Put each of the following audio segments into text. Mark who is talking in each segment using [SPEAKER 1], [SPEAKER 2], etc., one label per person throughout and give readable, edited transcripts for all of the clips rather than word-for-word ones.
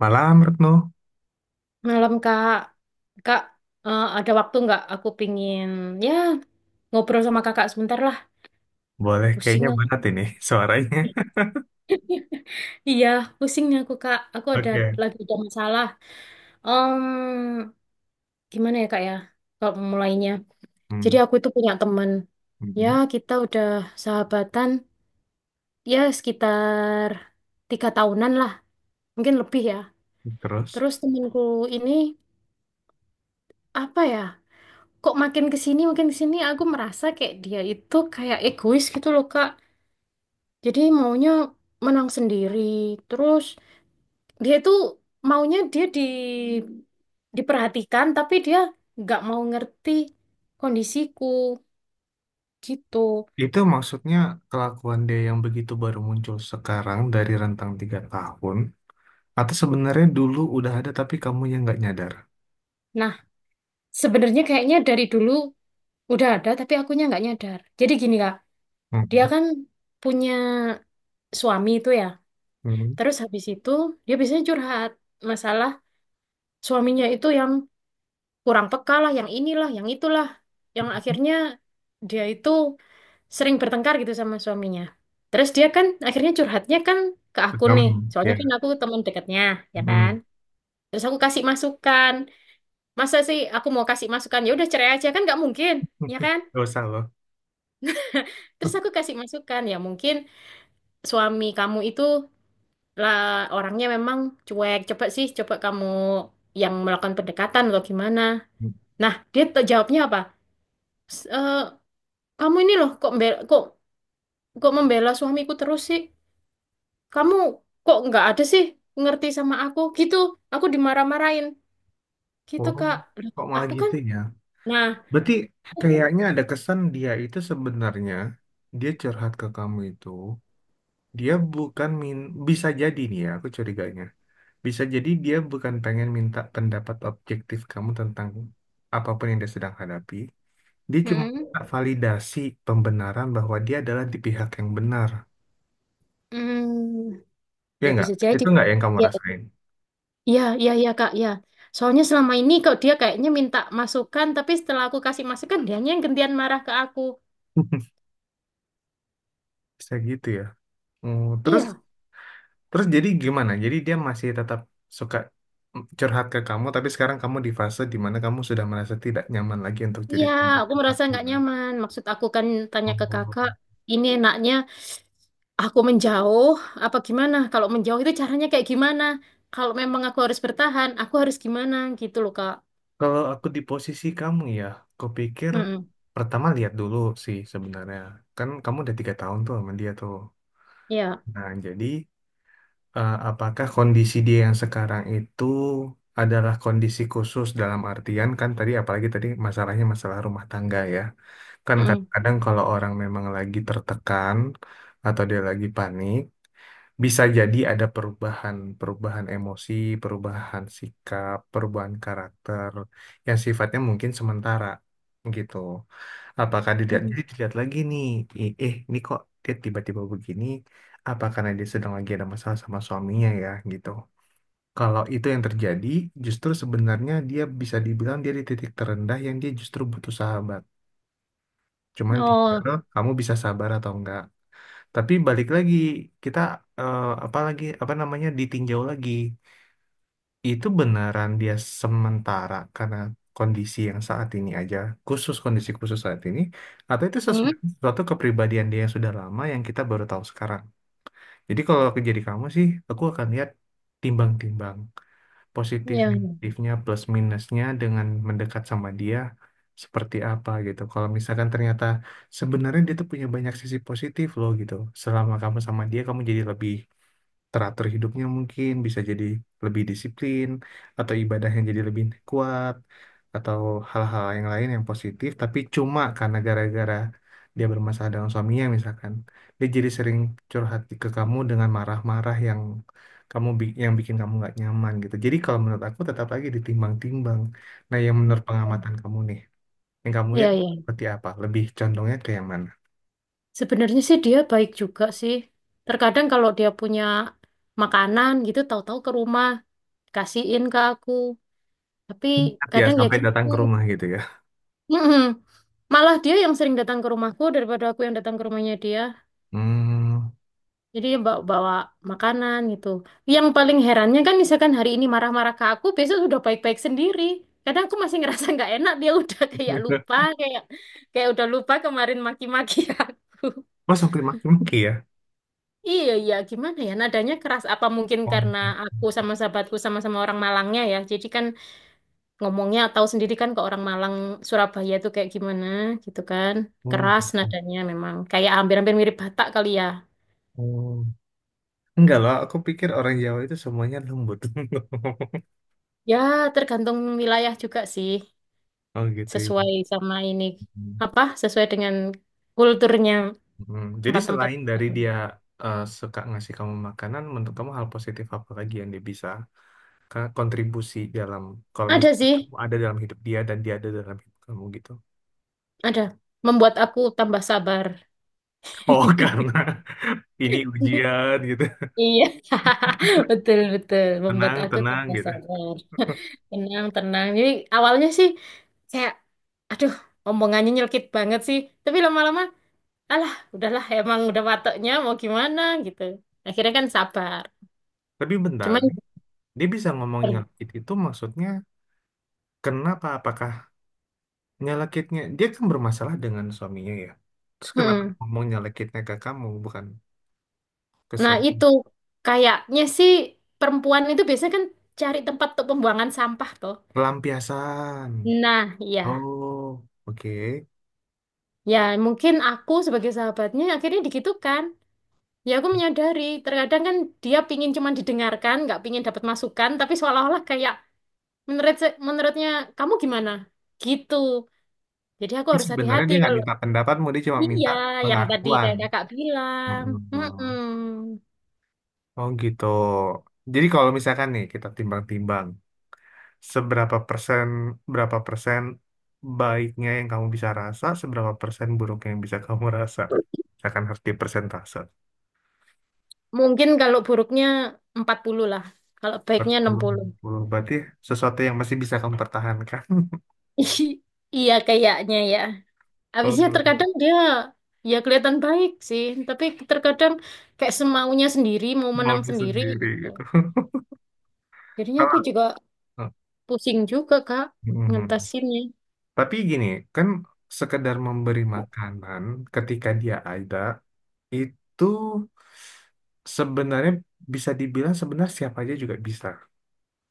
[SPEAKER 1] Malam, Retno.
[SPEAKER 2] Malam Kak, Kak ada waktu nggak? Aku pingin ya ngobrol sama Kakak sebentar lah.
[SPEAKER 1] Boleh,
[SPEAKER 2] Pusing
[SPEAKER 1] kayaknya
[SPEAKER 2] aku.
[SPEAKER 1] berat ini suaranya.
[SPEAKER 2] Iya, pusingnya aku Kak. Aku
[SPEAKER 1] Oke.
[SPEAKER 2] lagi ada masalah. Em, Gimana ya Kak ya? Kalau mulainya. Jadi
[SPEAKER 1] Hmm,
[SPEAKER 2] aku itu punya teman. Ya
[SPEAKER 1] hmm.
[SPEAKER 2] kita udah sahabatan ya sekitar tiga tahunan lah, mungkin lebih ya.
[SPEAKER 1] Terus,
[SPEAKER 2] Terus temanku ini apa ya? Kok makin kesini aku merasa kayak dia itu kayak egois gitu loh Kak. Jadi maunya menang sendiri. Terus dia itu maunya dia diperhatikan tapi dia nggak mau ngerti kondisiku gitu.
[SPEAKER 1] itu maksudnya kelakuan dia yang begitu baru muncul sekarang dari rentang 3 tahun, atau sebenarnya dulu udah ada tapi kamu yang nggak nyadar?
[SPEAKER 2] Nah, sebenarnya kayaknya dari dulu udah ada tapi akunya nggak nyadar. Jadi gini Kak, dia
[SPEAKER 1] Hmm,
[SPEAKER 2] kan punya suami itu ya.
[SPEAKER 1] hmm.
[SPEAKER 2] Terus habis itu dia biasanya curhat masalah suaminya itu yang kurang peka lah, yang inilah, yang itulah, yang akhirnya dia itu sering bertengkar gitu sama suaminya. Terus dia kan akhirnya curhatnya kan ke
[SPEAKER 1] Ke
[SPEAKER 2] aku
[SPEAKER 1] Kamu,
[SPEAKER 2] nih. Soalnya
[SPEAKER 1] ya.
[SPEAKER 2] kan aku teman dekatnya, ya kan?
[SPEAKER 1] Hmm.
[SPEAKER 2] Terus aku kasih masukan. Masa sih aku mau kasih masukan? Ya udah cerai aja kan nggak mungkin, ya kan?
[SPEAKER 1] Gak usah loh.
[SPEAKER 2] Terus aku kasih masukan, ya mungkin suami kamu itu lah orangnya memang cuek. Coba sih, coba kamu yang melakukan pendekatan atau gimana.
[SPEAKER 1] Hmm.
[SPEAKER 2] Nah, jawabnya apa? S- eh, Kamu ini loh kok mbel- kok kok membela suamiku terus sih? Kamu kok nggak ada sih ngerti sama aku gitu, aku dimarah-marahin gitu
[SPEAKER 1] Oh,
[SPEAKER 2] Kak. Loh,
[SPEAKER 1] kok malah
[SPEAKER 2] aku kan
[SPEAKER 1] gitu ya?
[SPEAKER 2] nah.
[SPEAKER 1] Berarti kayaknya ada kesan dia itu sebenarnya, dia curhat ke kamu itu, dia bukan min bisa jadi nih ya, aku curiganya. Bisa jadi dia bukan pengen minta pendapat objektif kamu tentang apapun yang dia sedang hadapi. Dia cuma
[SPEAKER 2] Mm,
[SPEAKER 1] minta validasi, pembenaran bahwa dia adalah di pihak yang benar.
[SPEAKER 2] mm,
[SPEAKER 1] Ya
[SPEAKER 2] ya
[SPEAKER 1] nggak?
[SPEAKER 2] bisa jadi.
[SPEAKER 1] Itu nggak yang kamu
[SPEAKER 2] Ya
[SPEAKER 1] rasain?
[SPEAKER 2] ya ya, ya, Kak, ya, soalnya selama ini kok dia kayaknya minta masukan tapi setelah aku kasih masukan dianya yang gantian marah ke aku.
[SPEAKER 1] Bisa gitu ya. Hmm, terus
[SPEAKER 2] Iya.
[SPEAKER 1] terus jadi gimana? Jadi dia masih tetap suka curhat ke kamu, tapi sekarang kamu di fase di mana kamu sudah merasa tidak nyaman lagi untuk jadi
[SPEAKER 2] Iya,
[SPEAKER 1] tempat
[SPEAKER 2] aku
[SPEAKER 1] curhat.
[SPEAKER 2] merasa nggak
[SPEAKER 1] Gimana?
[SPEAKER 2] nyaman. Maksud aku kan tanya ke
[SPEAKER 1] Oh.
[SPEAKER 2] kakak, ini enaknya aku menjauh, apa gimana? Kalau menjauh itu caranya kayak gimana? Kalau memang aku harus bertahan, aku harus gimana? Gitu loh, Kak.
[SPEAKER 1] Kalau aku di posisi kamu ya, kupikir
[SPEAKER 2] Mm-mm.
[SPEAKER 1] pertama lihat dulu sih sebenarnya. Kan kamu udah 3 tahun tuh sama dia tuh.
[SPEAKER 2] Iya.
[SPEAKER 1] Nah, jadi apakah kondisi dia yang sekarang itu adalah kondisi khusus dalam artian kan tadi, apalagi tadi masalahnya masalah rumah tangga ya. Kan
[SPEAKER 2] Mm-mm.
[SPEAKER 1] kadang-kadang kalau orang memang lagi tertekan atau dia lagi panik, bisa jadi ada perubahan, perubahan emosi, perubahan sikap, perubahan karakter yang sifatnya mungkin sementara gitu. Apakah dilihat,
[SPEAKER 2] Mm.
[SPEAKER 1] jadi dilihat lagi nih, ini kok dia tiba-tiba begini? Apa karena dia sedang lagi ada masalah sama suaminya ya gitu. Kalau itu yang terjadi, justru sebenarnya dia bisa dibilang dia di titik terendah yang dia justru butuh sahabat. Cuman tinggal
[SPEAKER 2] Oh.
[SPEAKER 1] kamu bisa sabar atau enggak. Tapi balik lagi kita apa lagi apa namanya ditinjau lagi itu beneran dia sementara karena kondisi yang saat ini aja, khusus kondisi khusus saat ini, atau itu
[SPEAKER 2] Mm.
[SPEAKER 1] sesuatu kepribadian dia yang sudah lama yang kita baru tahu sekarang. Jadi kalau aku jadi kamu sih aku akan lihat, timbang-timbang positif,
[SPEAKER 2] Iya.
[SPEAKER 1] negatifnya, plus minusnya dengan mendekat sama dia seperti apa gitu. Kalau misalkan ternyata sebenarnya dia tuh punya banyak sisi positif loh gitu. Selama kamu sama dia, kamu jadi lebih teratur hidupnya, mungkin bisa jadi lebih disiplin atau ibadahnya jadi lebih kuat atau hal-hal yang lain yang positif, tapi cuma karena gara-gara dia bermasalah dengan suaminya misalkan, dia jadi sering curhat ke kamu dengan marah-marah yang yang bikin kamu nggak nyaman gitu. Jadi kalau menurut aku tetap lagi ditimbang-timbang, nah yang
[SPEAKER 2] Iya.
[SPEAKER 1] menurut pengamatan kamu nih, yang kamu
[SPEAKER 2] Iya,
[SPEAKER 1] lihat
[SPEAKER 2] iya.
[SPEAKER 1] seperti apa, lebih condongnya ke yang mana.
[SPEAKER 2] Sebenarnya sih dia baik juga sih. Terkadang kalau dia punya makanan gitu, tahu-tahu ke rumah, kasihin ke aku. Tapi
[SPEAKER 1] Ya
[SPEAKER 2] kadang ya
[SPEAKER 1] sampai datang
[SPEAKER 2] gitu.
[SPEAKER 1] ke rumah gitu ya.
[SPEAKER 2] Mm-mm. Malah dia yang sering datang ke rumahku daripada aku yang datang ke rumahnya dia.
[SPEAKER 1] Hmm.
[SPEAKER 2] Jadi dia bawa makanan gitu. Yang paling herannya kan misalkan hari ini marah-marah ke aku, besok sudah baik-baik sendiri. Kadang aku masih ngerasa nggak enak, dia udah kayak lupa, kayak kayak udah lupa kemarin maki-maki aku.
[SPEAKER 1] Oh, sampai maki-maki ya.
[SPEAKER 2] Iya, iya, gimana ya? Nadanya keras apa mungkin
[SPEAKER 1] Oh,
[SPEAKER 2] karena aku
[SPEAKER 1] gitu.
[SPEAKER 2] sama sahabatku sama-sama orang Malangnya ya. Jadi kan ngomongnya tahu sendiri kan ke orang Malang Surabaya itu kayak gimana gitu kan,
[SPEAKER 1] Oh,
[SPEAKER 2] keras
[SPEAKER 1] gitu.
[SPEAKER 2] nadanya memang kayak hampir-hampir mirip Batak kali ya.
[SPEAKER 1] Oh. Enggak loh, aku pikir orang Jawa itu semuanya lembut.
[SPEAKER 2] Ya tergantung wilayah juga sih,
[SPEAKER 1] Oh gitu ya.
[SPEAKER 2] sesuai sama ini apa sesuai dengan kulturnya
[SPEAKER 1] Hmm. Jadi
[SPEAKER 2] tempat-tempat.
[SPEAKER 1] selain dari dia suka ngasih kamu makanan, menurut kamu hal positif apa lagi yang dia bisa kontribusi dalam, kalau
[SPEAKER 2] Ada
[SPEAKER 1] misalnya
[SPEAKER 2] sih,
[SPEAKER 1] kamu ada dalam hidup dia dan dia ada dalam hidup kamu gitu?
[SPEAKER 2] ada, membuat aku tambah sabar.
[SPEAKER 1] Oh karena ini ujian gitu,
[SPEAKER 2] Iya. Betul betul membuat
[SPEAKER 1] tenang
[SPEAKER 2] aku
[SPEAKER 1] tenang
[SPEAKER 2] tambah
[SPEAKER 1] gitu.
[SPEAKER 2] sabar. Tenang, tenang. Jadi awalnya sih kayak, aduh, omongannya nyelkit banget sih. Tapi lama-lama alah udahlah emang udah wataknya mau gimana gitu akhirnya kan sabar,
[SPEAKER 1] Tapi bentar,
[SPEAKER 2] cuman.
[SPEAKER 1] dia bisa ngomong nyelkit itu maksudnya kenapa? Apakah nyelekitnya, dia kan bermasalah dengan suaminya ya, terus kenapa
[SPEAKER 2] Mm-mm.
[SPEAKER 1] ngomong nyelekitnya ke kamu bukan ke
[SPEAKER 2] Nah itu
[SPEAKER 1] suami?
[SPEAKER 2] kayaknya sih perempuan itu biasanya kan cari tempat untuk pembuangan sampah tuh.
[SPEAKER 1] Pelampiasan.
[SPEAKER 2] Nah, ya,
[SPEAKER 1] Oh, oke.
[SPEAKER 2] ya mungkin aku sebagai sahabatnya akhirnya digitukan. Ya aku menyadari terkadang kan dia pingin cuman didengarkan nggak pingin dapat masukan tapi seolah-olah kayak menurut menurutnya kamu gimana gitu, jadi aku
[SPEAKER 1] Tapi
[SPEAKER 2] harus
[SPEAKER 1] sebenarnya
[SPEAKER 2] hati-hati
[SPEAKER 1] dia nggak
[SPEAKER 2] kalau.
[SPEAKER 1] minta pendapatmu, dia cuma minta
[SPEAKER 2] Iya, yang tadi
[SPEAKER 1] pengakuan.
[SPEAKER 2] kayak kakak bilang.
[SPEAKER 1] Mm-mm.
[SPEAKER 2] Mm-mm.
[SPEAKER 1] Oh gitu. Jadi kalau misalkan nih kita timbang-timbang, seberapa persen, berapa persen baiknya yang kamu bisa rasa, seberapa persen buruknya yang bisa kamu rasa, akan harus dipersentase.
[SPEAKER 2] Mungkin kalau buruknya 40 lah. Kalau baiknya enam
[SPEAKER 1] Betul,
[SPEAKER 2] puluh.
[SPEAKER 1] betul. Berarti sesuatu yang masih bisa kamu pertahankan.
[SPEAKER 2] Iya kayaknya ya. Habisnya
[SPEAKER 1] Oh, gitu.
[SPEAKER 2] terkadang dia ya kelihatan baik sih. Tapi terkadang kayak semaunya sendiri, mau menang
[SPEAKER 1] Maunya
[SPEAKER 2] sendiri
[SPEAKER 1] sendiri
[SPEAKER 2] gitu.
[SPEAKER 1] gitu.
[SPEAKER 2] Jadinya aku
[SPEAKER 1] Kalau.
[SPEAKER 2] juga pusing juga Kak
[SPEAKER 1] Mhm.
[SPEAKER 2] ngatasinnya.
[SPEAKER 1] Tapi gini, kan sekedar memberi makanan ketika dia ada itu sebenarnya bisa dibilang sebenarnya siapa aja juga bisa.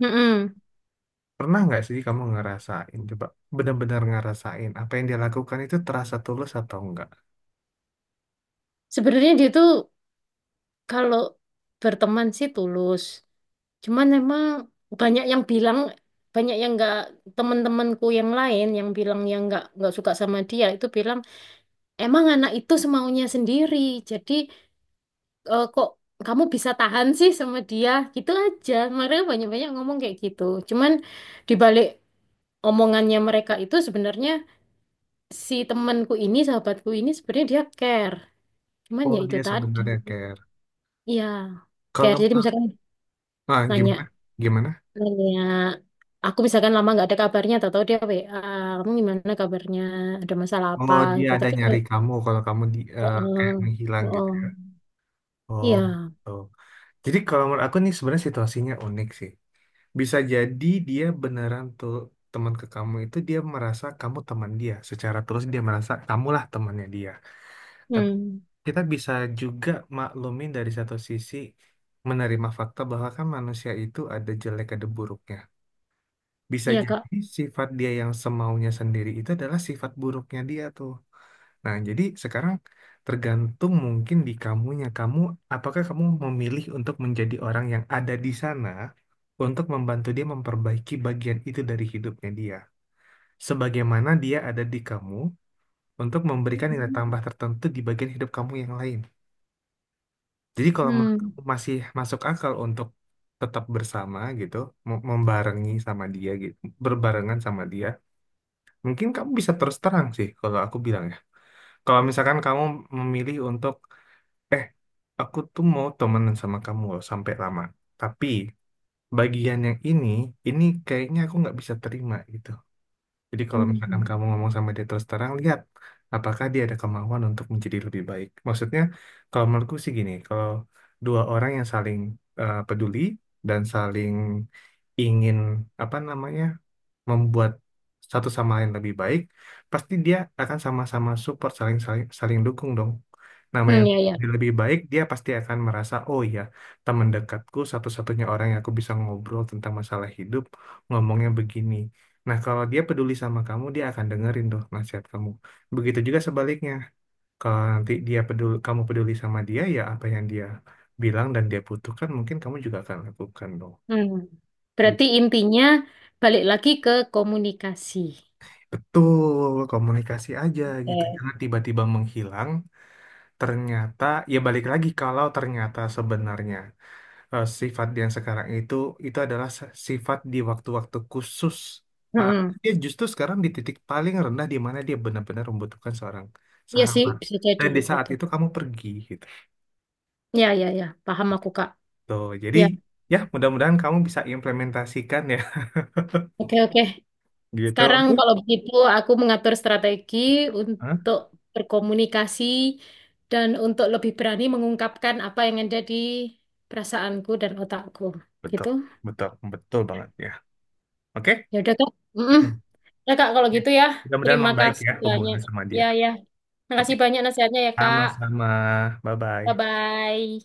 [SPEAKER 2] Mm-mm.
[SPEAKER 1] Pernah nggak sih kamu ngerasain, coba benar-benar ngerasain apa yang dia lakukan itu terasa tulus atau enggak?
[SPEAKER 2] Sebenarnya dia tuh kalau berteman sih tulus. Cuman emang banyak yang bilang, banyak yang nggak teman-temanku yang lain yang bilang yang nggak suka sama dia itu bilang emang anak itu semaunya sendiri. Jadi eh, kok kamu bisa tahan sih sama dia? Gitu aja. Mereka banyak-banyak ngomong kayak gitu. Cuman dibalik omongannya mereka itu sebenarnya sahabatku ini sebenarnya dia care. Cuman
[SPEAKER 1] Oh,
[SPEAKER 2] ya itu
[SPEAKER 1] dia
[SPEAKER 2] tadi.
[SPEAKER 1] sebenarnya care.
[SPEAKER 2] Iya, care.
[SPEAKER 1] Kalau,
[SPEAKER 2] Jadi misalkan
[SPEAKER 1] nah gimana?
[SPEAKER 2] nanya,
[SPEAKER 1] Gimana?
[SPEAKER 2] kayak aku misalkan lama nggak ada kabarnya, atau tahu dia WA, kamu gimana kabarnya, ada masalah apa
[SPEAKER 1] Oh, dia
[SPEAKER 2] gitu.
[SPEAKER 1] ada
[SPEAKER 2] Tapi kalau
[SPEAKER 1] nyari kamu kalau kamu di,
[SPEAKER 2] oh,
[SPEAKER 1] kayak
[SPEAKER 2] oh,
[SPEAKER 1] menghilang
[SPEAKER 2] oh,
[SPEAKER 1] gitu ya.
[SPEAKER 2] oh,
[SPEAKER 1] Oh,
[SPEAKER 2] iya,
[SPEAKER 1] oh. Jadi kalau menurut aku nih sebenarnya situasinya unik sih. Bisa jadi dia beneran tuh teman ke kamu itu, dia merasa kamu teman dia. Secara terus dia merasa kamulah temannya dia. Tapi
[SPEAKER 2] hmm,
[SPEAKER 1] kita bisa juga maklumin dari satu sisi, menerima fakta bahwa kan manusia itu ada jelek, ada buruknya. Bisa
[SPEAKER 2] iya
[SPEAKER 1] jadi
[SPEAKER 2] Kak.
[SPEAKER 1] sifat dia yang semaunya sendiri itu adalah sifat buruknya dia tuh. Nah, jadi sekarang tergantung mungkin di kamunya. Kamu, apakah kamu memilih untuk menjadi orang yang ada di sana untuk membantu dia memperbaiki bagian itu dari hidupnya dia. Sebagaimana dia ada di kamu untuk memberikan nilai tambah tertentu di bagian hidup kamu yang lain. Jadi kalau menurut
[SPEAKER 2] Hmm,
[SPEAKER 1] kamu masih masuk akal untuk tetap bersama gitu, membarengi sama dia gitu, berbarengan sama dia, mungkin kamu bisa terus terang sih kalau aku bilang ya. Kalau misalkan kamu memilih untuk Eh, aku tuh mau temenan sama kamu loh sampai lama. Tapi bagian yang ini kayaknya aku nggak bisa terima gitu. Jadi kalau misalkan
[SPEAKER 2] hmm,
[SPEAKER 1] kamu ngomong sama dia terus terang, lihat apakah dia ada kemauan untuk menjadi lebih baik. Maksudnya, kalau menurutku sih gini, kalau dua orang yang saling peduli dan saling ingin apa namanya membuat satu sama lain lebih baik, pasti dia akan sama-sama support, saling saling saling dukung dong. Namanya
[SPEAKER 2] hmm, ya ya.
[SPEAKER 1] dia lebih baik, dia pasti akan merasa, oh ya, teman dekatku satu-satunya orang yang aku bisa ngobrol tentang masalah hidup, ngomongnya begini. Nah, kalau dia peduli sama kamu, dia akan dengerin tuh nasihat kamu. Begitu juga sebaliknya. Kalau nanti dia peduli, kamu peduli sama dia, ya apa yang dia bilang dan dia butuhkan, mungkin kamu juga akan lakukan dong.
[SPEAKER 2] Hmm. Berarti intinya balik lagi ke komunikasi.
[SPEAKER 1] Betul, komunikasi aja gitu.
[SPEAKER 2] Eh,
[SPEAKER 1] Jangan tiba-tiba menghilang. Ternyata, ya balik lagi kalau ternyata sebenarnya sifat yang sekarang itu, itu adalah sifat di waktu-waktu khusus. Ah,
[SPEAKER 2] hmm,
[SPEAKER 1] dia justru sekarang di titik paling rendah di mana dia benar-benar membutuhkan seorang
[SPEAKER 2] iya sih
[SPEAKER 1] sahabat.
[SPEAKER 2] bisa jadi
[SPEAKER 1] Dan di
[SPEAKER 2] kayak
[SPEAKER 1] saat
[SPEAKER 2] gitu.
[SPEAKER 1] itu kamu pergi gitu.
[SPEAKER 2] Ya ya ya, paham aku Kak.
[SPEAKER 1] Tuh, jadi
[SPEAKER 2] Ya,
[SPEAKER 1] ya mudah-mudahan kamu bisa implementasikan ya
[SPEAKER 2] oke oke.
[SPEAKER 1] gitu.
[SPEAKER 2] Sekarang
[SPEAKER 1] Oke.
[SPEAKER 2] kalau begitu aku mengatur strategi
[SPEAKER 1] Hah?
[SPEAKER 2] untuk berkomunikasi dan untuk lebih berani mengungkapkan apa yang ada di perasaanku dan otakku.
[SPEAKER 1] Betul,
[SPEAKER 2] Gitu.
[SPEAKER 1] betul banget ya. Oke?
[SPEAKER 2] Ya udah Kak. Mm-mm. Ya Kak kalau
[SPEAKER 1] Ya,
[SPEAKER 2] gitu ya.
[SPEAKER 1] mudah-mudahan
[SPEAKER 2] Terima
[SPEAKER 1] membaik ya
[SPEAKER 2] kasih banyak.
[SPEAKER 1] hubungannya sama dia.
[SPEAKER 2] Ya ya. Terima
[SPEAKER 1] Oke,
[SPEAKER 2] kasih banyak nasihatnya ya Kak.
[SPEAKER 1] sama-sama.
[SPEAKER 2] Bye
[SPEAKER 1] Bye-bye.
[SPEAKER 2] bye.